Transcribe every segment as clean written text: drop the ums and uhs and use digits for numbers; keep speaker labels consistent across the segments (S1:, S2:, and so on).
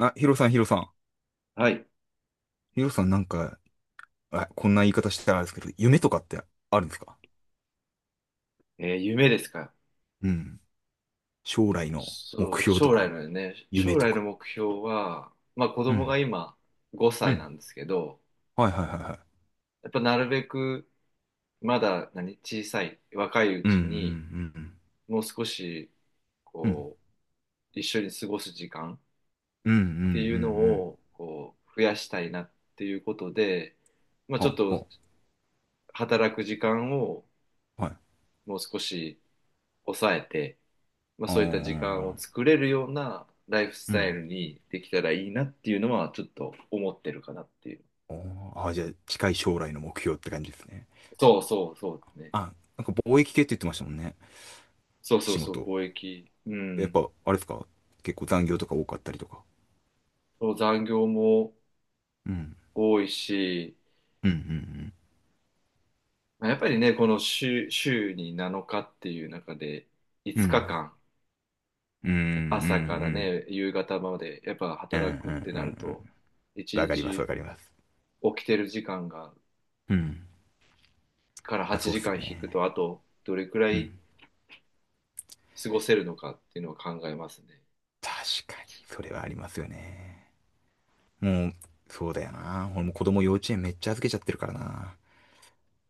S1: あ、ヒロさん、ヒロさん。
S2: はい。
S1: ヒロさんなんか、あ、こんな言い方したらあれですけど、夢とかってあるんですか？
S2: 夢ですか？
S1: うん。将来の
S2: そ
S1: 目
S2: う、
S1: 標と
S2: 将来
S1: か、
S2: のね、
S1: 夢
S2: 将
S1: と
S2: 来の
S1: か。
S2: 目標は、まあ子
S1: う
S2: 供
S1: ん。
S2: が今5
S1: う
S2: 歳
S1: ん。
S2: なんですけど、
S1: はいはいはいはい。
S2: やっぱなるべくまだ小さい、若いう
S1: うんうんう
S2: ちに、
S1: ん
S2: もう少し、
S1: うん。
S2: こう、一緒に過ごす時間っ
S1: うんうんうんう
S2: ていうの
S1: んうん。
S2: を、こう、増やしたいなっていうことで、まあ
S1: ほ
S2: ちょっ
S1: う
S2: と
S1: ほ
S2: 働く時間を
S1: う。はい。
S2: もう少し抑えて、まあ、
S1: あ
S2: そういった時間を
S1: ー
S2: 作れるようなライフス
S1: う
S2: タイ
S1: ん。
S2: ルにできたらいいなっていうのはちょっと思ってるかなっていう。
S1: おーあー、じゃあ近い将来の目標って感じですね。
S2: そうそうそうね。
S1: あ、なんか貿易系って言ってましたもんね。
S2: そうそう
S1: 仕
S2: そう、
S1: 事。
S2: 貿易。う
S1: やっ
S2: ん。
S1: ぱ、あれですか？結構残業とか多かったりとか。
S2: そう、残業も
S1: うん。
S2: 多いし、
S1: うんう
S2: まあ、やっぱりね、この週に7日っていう中で
S1: んうん。
S2: 5
S1: う
S2: 日
S1: ん。
S2: 間、
S1: うんうんう
S2: 朝から
S1: ん。
S2: ね、夕方までやっぱ
S1: うんうんう
S2: 働くって
S1: ん
S2: な
S1: う
S2: ると、
S1: ん。
S2: 1
S1: わかりますわ
S2: 日
S1: かります。
S2: 起きてる時間が
S1: うん。
S2: から
S1: まあ
S2: 8
S1: そうっす
S2: 時
S1: よ
S2: 間引くと、
S1: ね。
S2: あとどれくら
S1: う
S2: い
S1: ん。
S2: 過ごせるのかっていうのを考えますね。
S1: 確かに、それはありますよね。もう、そうだよな。俺も子供幼稚園めっちゃ預けちゃってるからな。な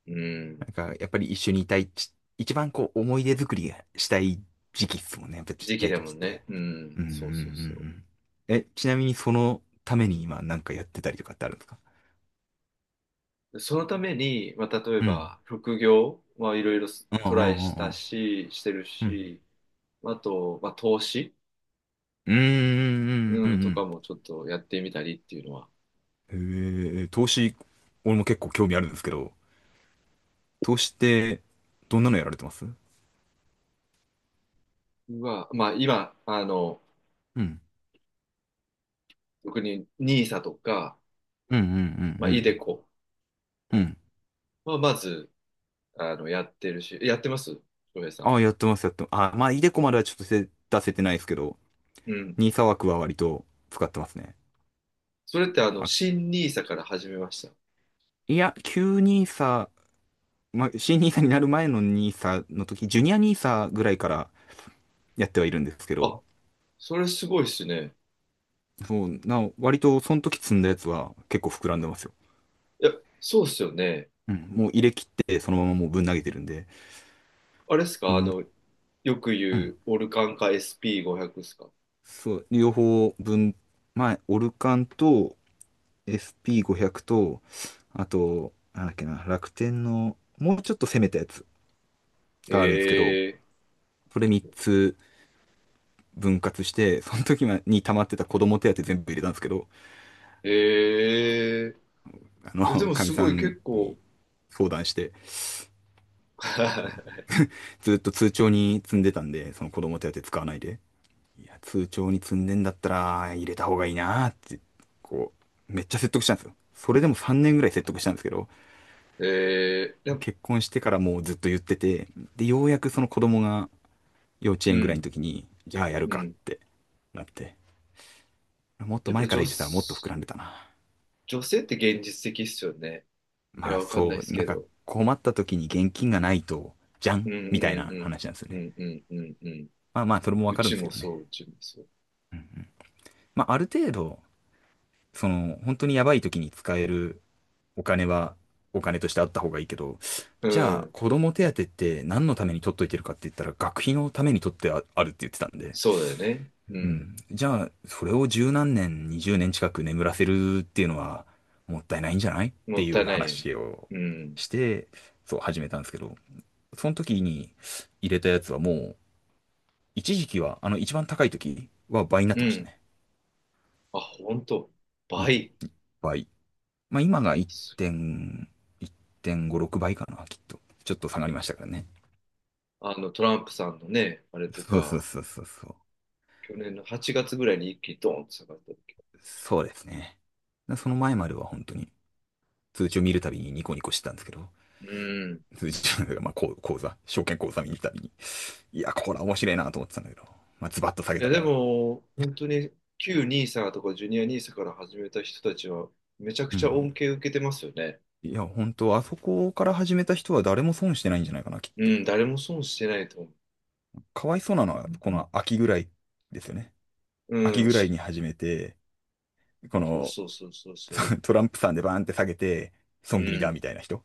S2: うん。
S1: んか、やっぱり一緒にいたい一番こう、思い出作りがしたい時期っすもんね。やっぱちっ
S2: 時
S1: ち
S2: 期
S1: ゃい
S2: だも
S1: 時っ
S2: ん
S1: て。
S2: ね。うん。
S1: うんうんう
S2: そう
S1: んう
S2: そうそ
S1: ん。え、ちなみにそのために今なんかやってたりとかってあるんですか？
S2: う。そのために、まあ、例え
S1: うん。
S2: ば、副業はいろいろ
S1: うん。う
S2: ト
S1: んう
S2: ライ
S1: ん
S2: し
S1: う
S2: た
S1: ん
S2: し、してる
S1: うん。うん。
S2: し、まあと、まあ、投資、
S1: うんうんうんう
S2: うん、とか
S1: ん
S2: もちょっとやってみたりっていうのは、
S1: うん。投資、俺も結構興味あるんですけど、として、どんなのやられてます？うん。
S2: は、まあ、今、あの、
S1: うん
S2: 特にニー s とか、
S1: うんう
S2: まあ、
S1: ん
S2: イデコ
S1: うん。うん。
S2: はまず、あの、やってます翔平さ
S1: あ
S2: ん。
S1: あ、やってます、やってます。ああ、まあ、イデコまではちょっと出せてないですけど、
S2: うん。
S1: ニーサ枠は割と使ってますね。
S2: それって、あの、
S1: あ、
S2: 新ニー s から始めました？
S1: いや、旧ニーサ、まあ、新ニーサになる前のニーサの時、ジュニアニーサぐらいからやってはいるんですけど、
S2: あ、それすごいっすね。
S1: そう、割とその時積んだやつは結構膨らんでますよ。
S2: いや、そうっすよね。
S1: うん、もう入れ切ってそのままもうぶん投げてるんで、
S2: あれっす
S1: う
S2: か、あ
S1: ん、
S2: の、よく
S1: う
S2: 言
S1: ん、
S2: うオルカンか SP500 ですか？
S1: そう、両方分、まあ、オルカンと、SP500 と、あと、なんだっけな、楽天の、もうちょっと攻めたやつがあるんですけど、
S2: へえ、
S1: それ3つ分割して、その時に溜まってた子供手当全部入れたんですけど、
S2: へえ、えでも
S1: かみ
S2: す
S1: さ
S2: ごい
S1: ん
S2: 結
S1: に
S2: 構
S1: 相談して、ずっと通帳に積んでたんで、その子供手当使わないで。いや、通帳に積んでんだったら、入れた方がいいなーって、こう、めっちゃ説得したんですよ。それでも3年ぐらい説得したんですけど、
S2: えー、やっ、
S1: 結婚してからもうずっと言ってて、で、ようやくその子供が幼稚
S2: う
S1: 園ぐらいの
S2: ん、
S1: 時に、じゃあやる
S2: う
S1: かっ
S2: ん。
S1: てなって、もっと
S2: やっぱ
S1: 前か
S2: 女、
S1: ら入
S2: 女
S1: れてたらもっと膨らんでたな。
S2: 性って現実的っすよね。い
S1: ま
S2: や、
S1: あ
S2: わかんないで
S1: そう、
S2: す
S1: なん
S2: け
S1: か
S2: ど。
S1: 困った時に現金がないと、じゃ
S2: うん
S1: ん
S2: う
S1: みたい
S2: んう
S1: な
S2: ん。
S1: 話なんですよ
S2: う
S1: ね。
S2: んうんうんうん。
S1: まあまあ、それもわ
S2: う
S1: かるん
S2: ち
S1: ですけ
S2: も
S1: ど
S2: そう、
S1: ね。
S2: うちもそう。
S1: うんうん。まあある程度、その、本当にやばい時に使えるお金は、お金としてあった方がいいけど、
S2: う
S1: じゃあ、
S2: ん。
S1: 子供手当って何のために取っといてるかって言ったら、学費のために取ってああるって言ってたんで、
S2: そうだよね。う
S1: う
S2: ん。
S1: ん。じゃあ、それを十何年、20年近く眠らせるっていうのはもったいないんじゃないっ
S2: も
S1: て
S2: った
S1: い
S2: い
S1: う
S2: ないよね。
S1: 話を
S2: うん。
S1: して、そう始めたんですけど、その時に入れたやつはもう、一時期は、あの一番高い時は倍になっ
S2: う
S1: てました
S2: ん。
S1: ね。
S2: あ、ほんと。
S1: うん、
S2: 倍。
S1: 倍。まあ今が 1.、1.5、6倍かな、きっと。ちょっと下がりましたからね。
S2: あの、トランプさんのね、あれと
S1: そうそう
S2: か。
S1: そうそうそう。
S2: 去年の8月ぐらいに一気にドーンと下がった時。
S1: そうですね。その前までは本当に通知を見るたびにニコニコしてたんですけど、
S2: うん。
S1: まあ、こう講座、証券講座見に行ったりに。いや、これ面白いなと思ってたんだけど、まあ、ズバッと下げ
S2: いや、
S1: た
S2: で
S1: から。
S2: も、本当に旧ニーサとかジュニアニーサから始めた人たちは、めちゃく
S1: う
S2: ちゃ
S1: ん。
S2: 恩恵受けてますよね。
S1: いや、本当あそこから始めた人は誰も損してないんじゃないかな、きっと。
S2: うん、誰も損してないと思
S1: かわいそうなのは、この秋ぐらいですよね。
S2: う。
S1: 秋ぐらいに始めて、こ
S2: そう
S1: の
S2: そうそうそうそう。
S1: トランプさんでバーンって下げて、
S2: う
S1: 損切り
S2: ん。
S1: だ、
S2: だ
S1: みたいな人。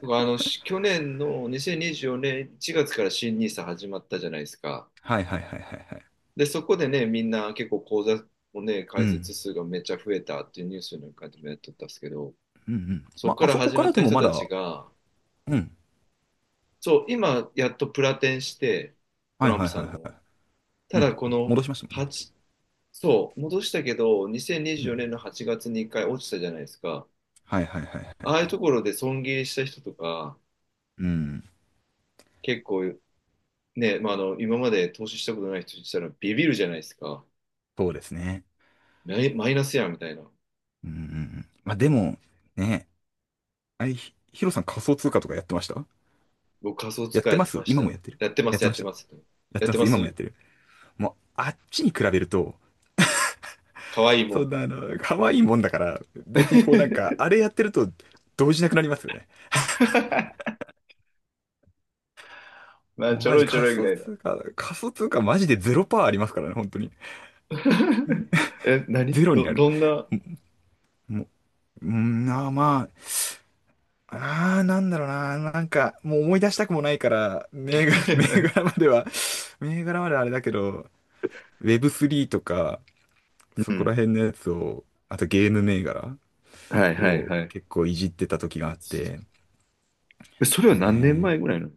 S2: から去年の2024年1月から新ニーサ始まったじゃないですか。
S1: はいはいはいはいはい。
S2: で、そこでね、みんな結構口座をね、
S1: う
S2: 開
S1: ん。
S2: 設数がめっちゃ増えたっていうニュースなんかでもやっとったんですけど、
S1: うんうん。
S2: そこ
S1: ま
S2: か
S1: あ、あ
S2: ら
S1: そこ
S2: 始
S1: か
S2: まっ
S1: らで
S2: た
S1: も
S2: 人
S1: ま
S2: たち
S1: だ、
S2: が、
S1: うん。
S2: そう、今、やっとプラテンして、ト
S1: はい
S2: ラン
S1: は
S2: プ
S1: いは
S2: さん
S1: い
S2: の。
S1: はい。
S2: た
S1: うん、
S2: だ、この
S1: 戻しましたもんね。
S2: 8、そう、戻したけど、
S1: う
S2: 2024
S1: ん。
S2: 年の8月に1回落ちたじゃないですか。
S1: はいはいはいはい
S2: ああいう
S1: はい。
S2: ところで損切りした人とか、
S1: うん。
S2: 結構ね、まあ、あの、今まで投資したことない人にしたらビビるじゃないですか。
S1: そうですね。
S2: マイマイナスやんみたいな。
S1: うんうんうん。まあでも、ね、あい、ひヒロさん仮想通貨とかやってました？
S2: 僕、仮想通
S1: やっ
S2: 貨
S1: て
S2: やっ
S1: ま
S2: て
S1: す
S2: まし
S1: 今も
S2: た。
S1: やってる？
S2: やってま
S1: やっ
S2: す、
S1: て
S2: やっ
S1: まし
S2: て
S1: た？
S2: ます。
S1: やっ
S2: やっ
S1: てま
S2: て
S1: す
S2: ま
S1: 今もや
S2: す。
S1: ってる？もう、あっちに比べると、
S2: かわいいも
S1: そん
S2: ん。
S1: な可愛いもんだから、別にこうなんか、あ れやってると、動じなくなりますよね。
S2: まあ、
S1: もう
S2: ちょ
S1: マ
S2: ろ
S1: ジ
S2: いちょ
S1: 仮
S2: ろいぐ
S1: 想
S2: らいだ。
S1: 通貨、仮想通貨マジでゼロパーありますからね、本当に。
S2: え、
S1: ゼロになる。
S2: どんな？
S1: もう、うん、まあーまあ、なんだろうな、なんか、もう思い出したくもないから、銘 柄までは、銘柄まではあれだけど、Web3 とか、そ
S2: う
S1: こら
S2: ん。
S1: 辺のやつを、あとゲーム銘柄
S2: はいはい
S1: を
S2: はい。
S1: 結構いじってた時があって、
S2: えそれは
S1: ね
S2: 何年
S1: え、
S2: 前ぐらいなの？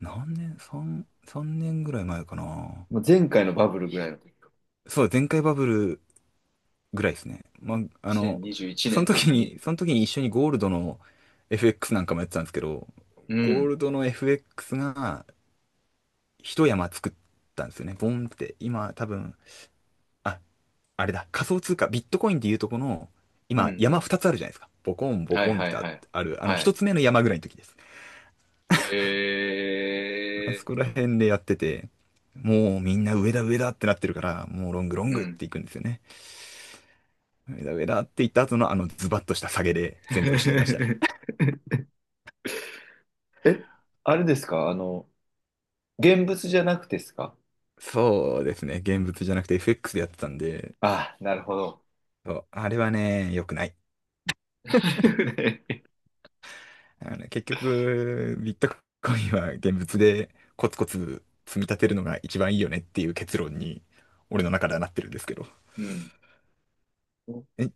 S1: 何年、3年ぐらい前かな。
S2: まあ前回のバブルぐらいの時か。
S1: そう、前回バブルぐらいですね。まあ、あの、
S2: 2021
S1: その
S2: 年とか
S1: 時
S2: に。
S1: に、その時に一緒にゴールドの FX なんかもやってたんですけど、
S2: う
S1: ゴー
S2: ん。
S1: ルドの FX が一山作ったんですよね。ボンって、今多分、あ、あれだ、仮想通貨、ビットコインでいうとこの、
S2: うんう
S1: 今、山
S2: ん。
S1: 2つあるじゃないですか。ボコン、ボ
S2: はい
S1: コンっ
S2: はい
S1: てあ
S2: はい。
S1: ある、あの、
S2: は
S1: 1
S2: い。
S1: つ目の山ぐらいの時です。あ
S2: え
S1: そこら辺でやってて、もうみんな上だ上だってなってるから、もうロングロ
S2: ー。
S1: ン
S2: う
S1: グっ
S2: ん。
S1: ていくんですよね。上だ上だって言った後のあのズバッとした下げで全部失いましたね。
S2: え、あれですか、あの、現物じゃなくてですか？
S1: そうですね。現物じゃなくて FX でやってたんで、
S2: ああ、なるほど。
S1: そう、あれはね、良くない。あのね、結局、ビットコインは現物でコツコツ積み立てるのが一番いいよねっていう結論に、俺の中ではなってるんですけど。
S2: うん。
S1: え、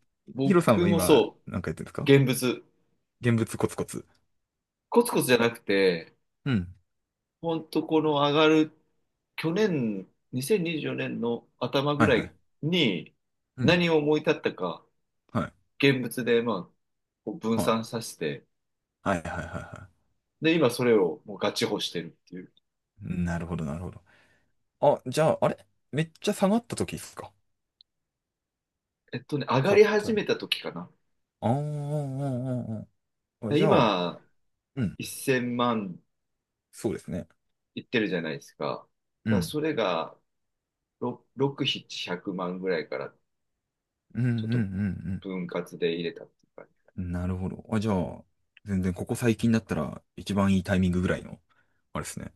S1: ヒロさん
S2: 僕
S1: は
S2: も
S1: 今、
S2: そ
S1: なんかやってるんです
S2: う。
S1: か？
S2: 現物。
S1: 現物コツコツ。
S2: コツコツじゃなくて、
S1: うん。
S2: ほんとこの上がる去年、2024年の頭ぐ
S1: はい
S2: ら
S1: はい。
S2: いに
S1: うん。
S2: 何を思い立ったか、
S1: はい。
S2: 現物で、まあ、こう分
S1: はい。
S2: 散させて、
S1: はいはいはいは
S2: で、今それをもうガチホしてるっていう。
S1: い。なるほどなるほど。あ、じゃあ、あれ？めっちゃ下がった時ですか？
S2: えっとね、上が
S1: 買っ
S2: り始
S1: たの？
S2: めた時かな。
S1: あーあー、あーあーあー、じゃあ、
S2: 今、
S1: うん。
S2: 1000万
S1: そうですね。
S2: いってるじゃないですか。
S1: う
S2: だから
S1: ん。
S2: それが6、6、700万ぐらいから
S1: うんうんう
S2: ちょっ
S1: んう
S2: と
S1: ん。
S2: 分割で入れたっていうか。
S1: なるほど。あ、じゃあ、全然ここ最近だったら一番いいタイミングぐらいの、あれですね。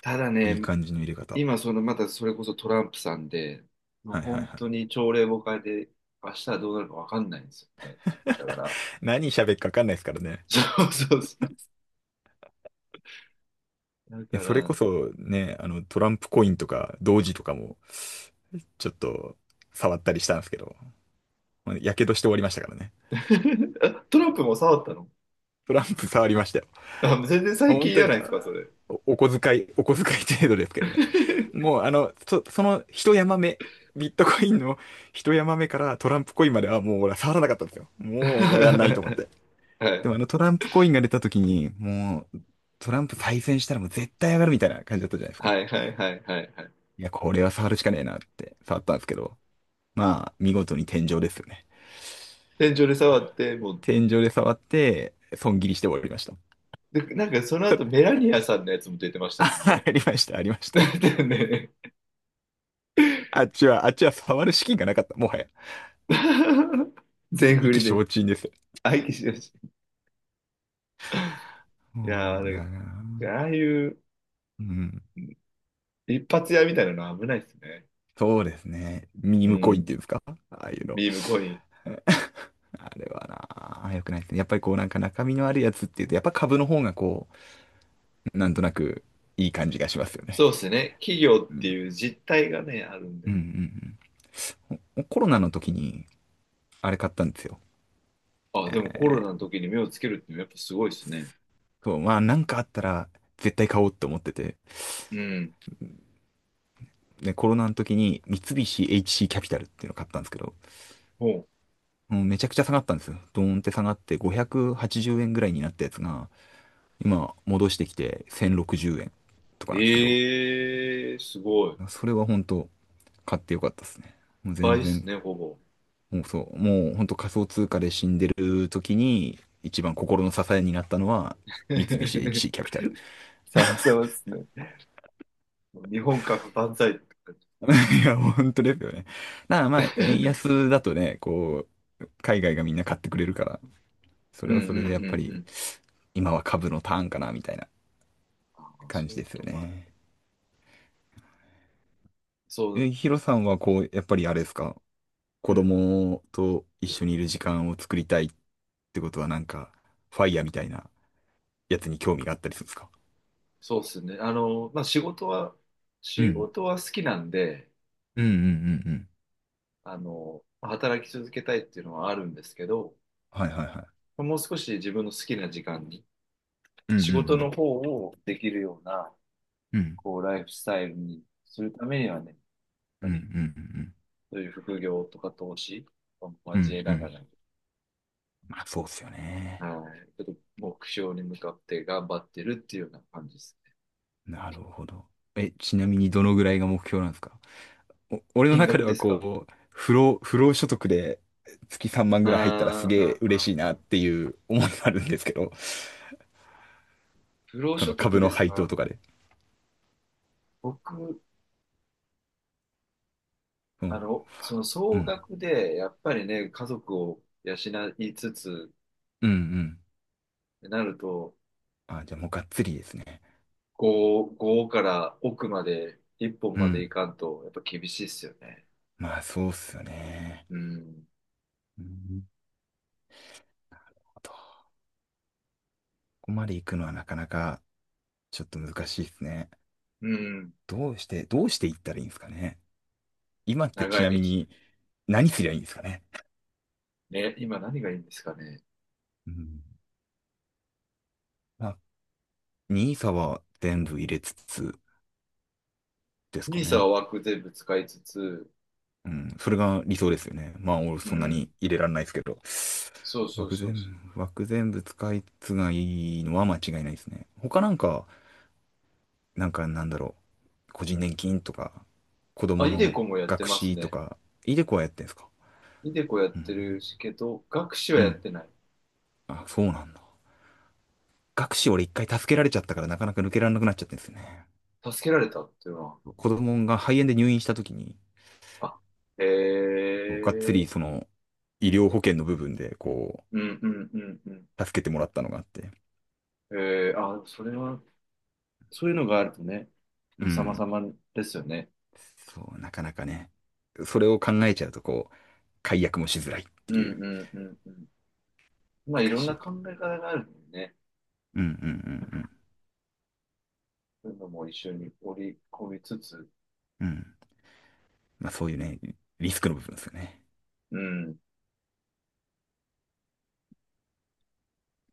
S2: ただ
S1: いい
S2: ね、
S1: 感じの入れ方。
S2: 今、その、またそれこそトランプさんで、まあ、
S1: はいはい
S2: 本
S1: は
S2: 当に
S1: い。
S2: 朝令暮改で、明日はどうなるかわかんないんですよね。だから、
S1: 何喋るか分かんないですからね。
S2: そうそうそう。だ
S1: いや
S2: か
S1: それ
S2: ら、
S1: こそね、トランプコインとか、同時とかも、ちょっと触ったりしたんですけど、まあやけどして終わりましたからね。
S2: あ、トランプも触ったの？
S1: トランプ触りましたよ。
S2: あ、全然最
S1: 本
S2: 近じ
S1: 当
S2: ゃな
S1: に、
S2: いですか、それ。
S1: お小遣い程度ですけどね。もう、その一山目、ビットコインの一山目からトランプコインまではもう俺は触らなかったんですよ。
S2: は
S1: もうやんないと思って。
S2: い、
S1: でもあのトランプコインが出た時に、もう、トランプ再選したらもう絶対上がるみたいな感じだったじゃないですか。
S2: はいはいはいはいはい。
S1: いや、これは触るしかねえなって触ったんですけど、まあ、見事に天井ですよね。
S2: 天井で触って、もう、
S1: 天井で触って、損切りして終わりました。
S2: で、なんかその後メラニアさんのやつも出てまし たもん
S1: あ
S2: ね。
S1: りました、ありまし
S2: だ
S1: た。
S2: ってね。
S1: あっちは、あっちは触る資金がなかった、もはや。
S2: 全
S1: 意
S2: 振
S1: 気
S2: りで。
S1: 消沈ですよ。
S2: 相手しだし。
S1: そ
S2: いやー、あ
S1: うだ
S2: れ、
S1: な。
S2: ああいう、
S1: うん。
S2: 一発屋みたいなのは危ないですね。
S1: そうですね。ミ
S2: う
S1: ームコインって
S2: ん。
S1: いうんですかああいうの。
S2: ビームコイン。
S1: あれはなあ、良くないですね。やっぱりこうなんか中身のあるやつっていうと、やっぱ株の方がこう、なんとなくいい感じがしますよね。
S2: そうですね。企業
S1: う
S2: って
S1: ん。
S2: いう実態がね、あるん
S1: うん
S2: で。
S1: うんうん。ほコロナの時に、あれ買ったんですよ。
S2: あ、でもコロナの時に目をつけるっていうのはやっぱすごいですね。
S1: そう、まあなんかあったら絶対買おうって思ってて。
S2: うん。
S1: で、コロナの時に三菱 HC キャピタルっていうのを買ったんですけど、
S2: ほう。
S1: うん、めちゃくちゃ下がったんですよ。ドーンって下がって580円ぐらいになったやつが、今戻してきて1060円とかなんですけど、
S2: ええすごい。
S1: それは本当買ってよかったですね。もう
S2: 倍
S1: 全
S2: です
S1: 然、
S2: ね、ほぼ。
S1: もうそう、もう本当仮想通貨で死んでる時に一番心の支えになったのは三菱 HC キャピタル。
S2: さまさまですね。日本株万歳って感じ。
S1: いや、本当ですよね。だからまあ、円 安だとね、こう、海外がみんな買ってくれるから、そ
S2: う
S1: れ
S2: ん
S1: は
S2: うん
S1: そ
S2: う
S1: れでやっぱ
S2: んう
S1: り
S2: ん。
S1: 今は株のターンかなみたいな
S2: ああ、そ
S1: 感じ
S2: ういう
S1: で
S2: こ
S1: す
S2: と
S1: よ
S2: もあるん
S1: ね。
S2: だ。そう、
S1: え、ヒロさんはこう、やっぱりあれですか？
S2: う
S1: 子
S2: ん。
S1: 供と一緒にいる時間を作りたいってことはなんか、ファイヤーみたいなやつに興味があったりするんですか？
S2: そうですね。あの、まあ、
S1: う
S2: 仕
S1: ん。
S2: 事は好きなんで、
S1: うんうんうんうん
S2: あの、働き続けたいっていうのはあるんですけど、
S1: はいはいはい。
S2: もう少し自分の好きな時間に、
S1: うん。うん
S2: 仕
S1: う
S2: 事の
S1: ん
S2: 方をできるような、
S1: うん。
S2: こう、ライフスタイルにするためにはね、やっ
S1: う
S2: ぱ
S1: んうんう
S2: り、
S1: ん
S2: そういう副業とか投資を
S1: う
S2: 交え
S1: ん。うん
S2: な
S1: う
S2: が
S1: ん。
S2: らね、
S1: まあそうっすよね。
S2: はい、ちょっと目標に向かって頑張ってるっていうような感じです。
S1: なるほど。え、ちなみにどのぐらいが目標なんですか？お、俺の
S2: 金
S1: 中で
S2: 額
S1: は
S2: ですか？
S1: こう、不労、不労所得で月3万
S2: あー
S1: ぐらい入ったらすげえ
S2: あー、
S1: 嬉
S2: あ
S1: しい
S2: ー
S1: な
S2: あ、
S1: っていう思いがあるんですけど、
S2: 不労
S1: そ
S2: 所
S1: の
S2: 得
S1: 株の
S2: でさ、
S1: 配当とかで。
S2: 僕、
S1: う
S2: あ
S1: ん、
S2: の、その
S1: う
S2: 総
S1: ん、
S2: 額で、やっぱりね、家族を養いつつ、
S1: うん、うん。
S2: ってなると、
S1: あ、じゃあもうがっつりですね。
S2: 5から奥まで、一本
S1: う
S2: まで
S1: ん。
S2: 行かんと、やっぱ厳しいっすよね。
S1: まあそうっすよね。
S2: うん。
S1: うん。どこまで行くのはなかなかちょっと難しいですね。
S2: うん。
S1: どうして、どうして行ったらいいんですかね。今って
S2: 長
S1: ち
S2: い
S1: なみ
S2: 道。
S1: に何すりゃいいんですかね。
S2: ね、今何がいいんですかね。
S1: うん。まあ、n i は全部入れつつですか
S2: 兄さん
S1: ね。
S2: は枠全部使いつつ、
S1: うん。それが理想ですよね。まあ俺
S2: う
S1: そんな
S2: ん。
S1: に入れられないですけど。
S2: そうそう
S1: 枠
S2: そうそう。
S1: 全部、枠全部使いつがいいのは間違いないですね。他なんかなんか個人年金とか、子
S2: あ、
S1: 供
S2: イデ
S1: の
S2: コもやって
S1: 学
S2: ます
S1: 資と
S2: ね。
S1: か、イデコはやってんすか？
S2: イデコやっ
S1: う
S2: てる
S1: ん。
S2: しけど、学士は
S1: う
S2: やっ
S1: ん。
S2: てない。
S1: あ、そうなんだ。学資俺一回助けられちゃったからなかなか抜けられなくなっちゃってんですよね。
S2: 助けられたっていうのは。
S1: 子供が肺炎で入院した時に、
S2: あ、へ
S1: がっつ
S2: え。
S1: りその、医療保険の部分でこ
S2: うんうんうんうん。
S1: う、助けてもらったのがあって。
S2: ええ、あ、それは、そういうのがあるとね、
S1: う
S2: 様
S1: ん。
S2: 々ですよね。
S1: そう、なかなかね。それを考えちゃうとこう、解約もしづらいって
S2: うん
S1: いう、
S2: うんうんうん。まあ、い
S1: 難
S2: ろん
S1: し
S2: な
S1: い。
S2: 考え方があるもんね。
S1: うんうんうん
S2: そういうのも一緒に織り込みつつ、
S1: うん。うん。まあそういうね、リスクの部分ですよね。
S2: うん。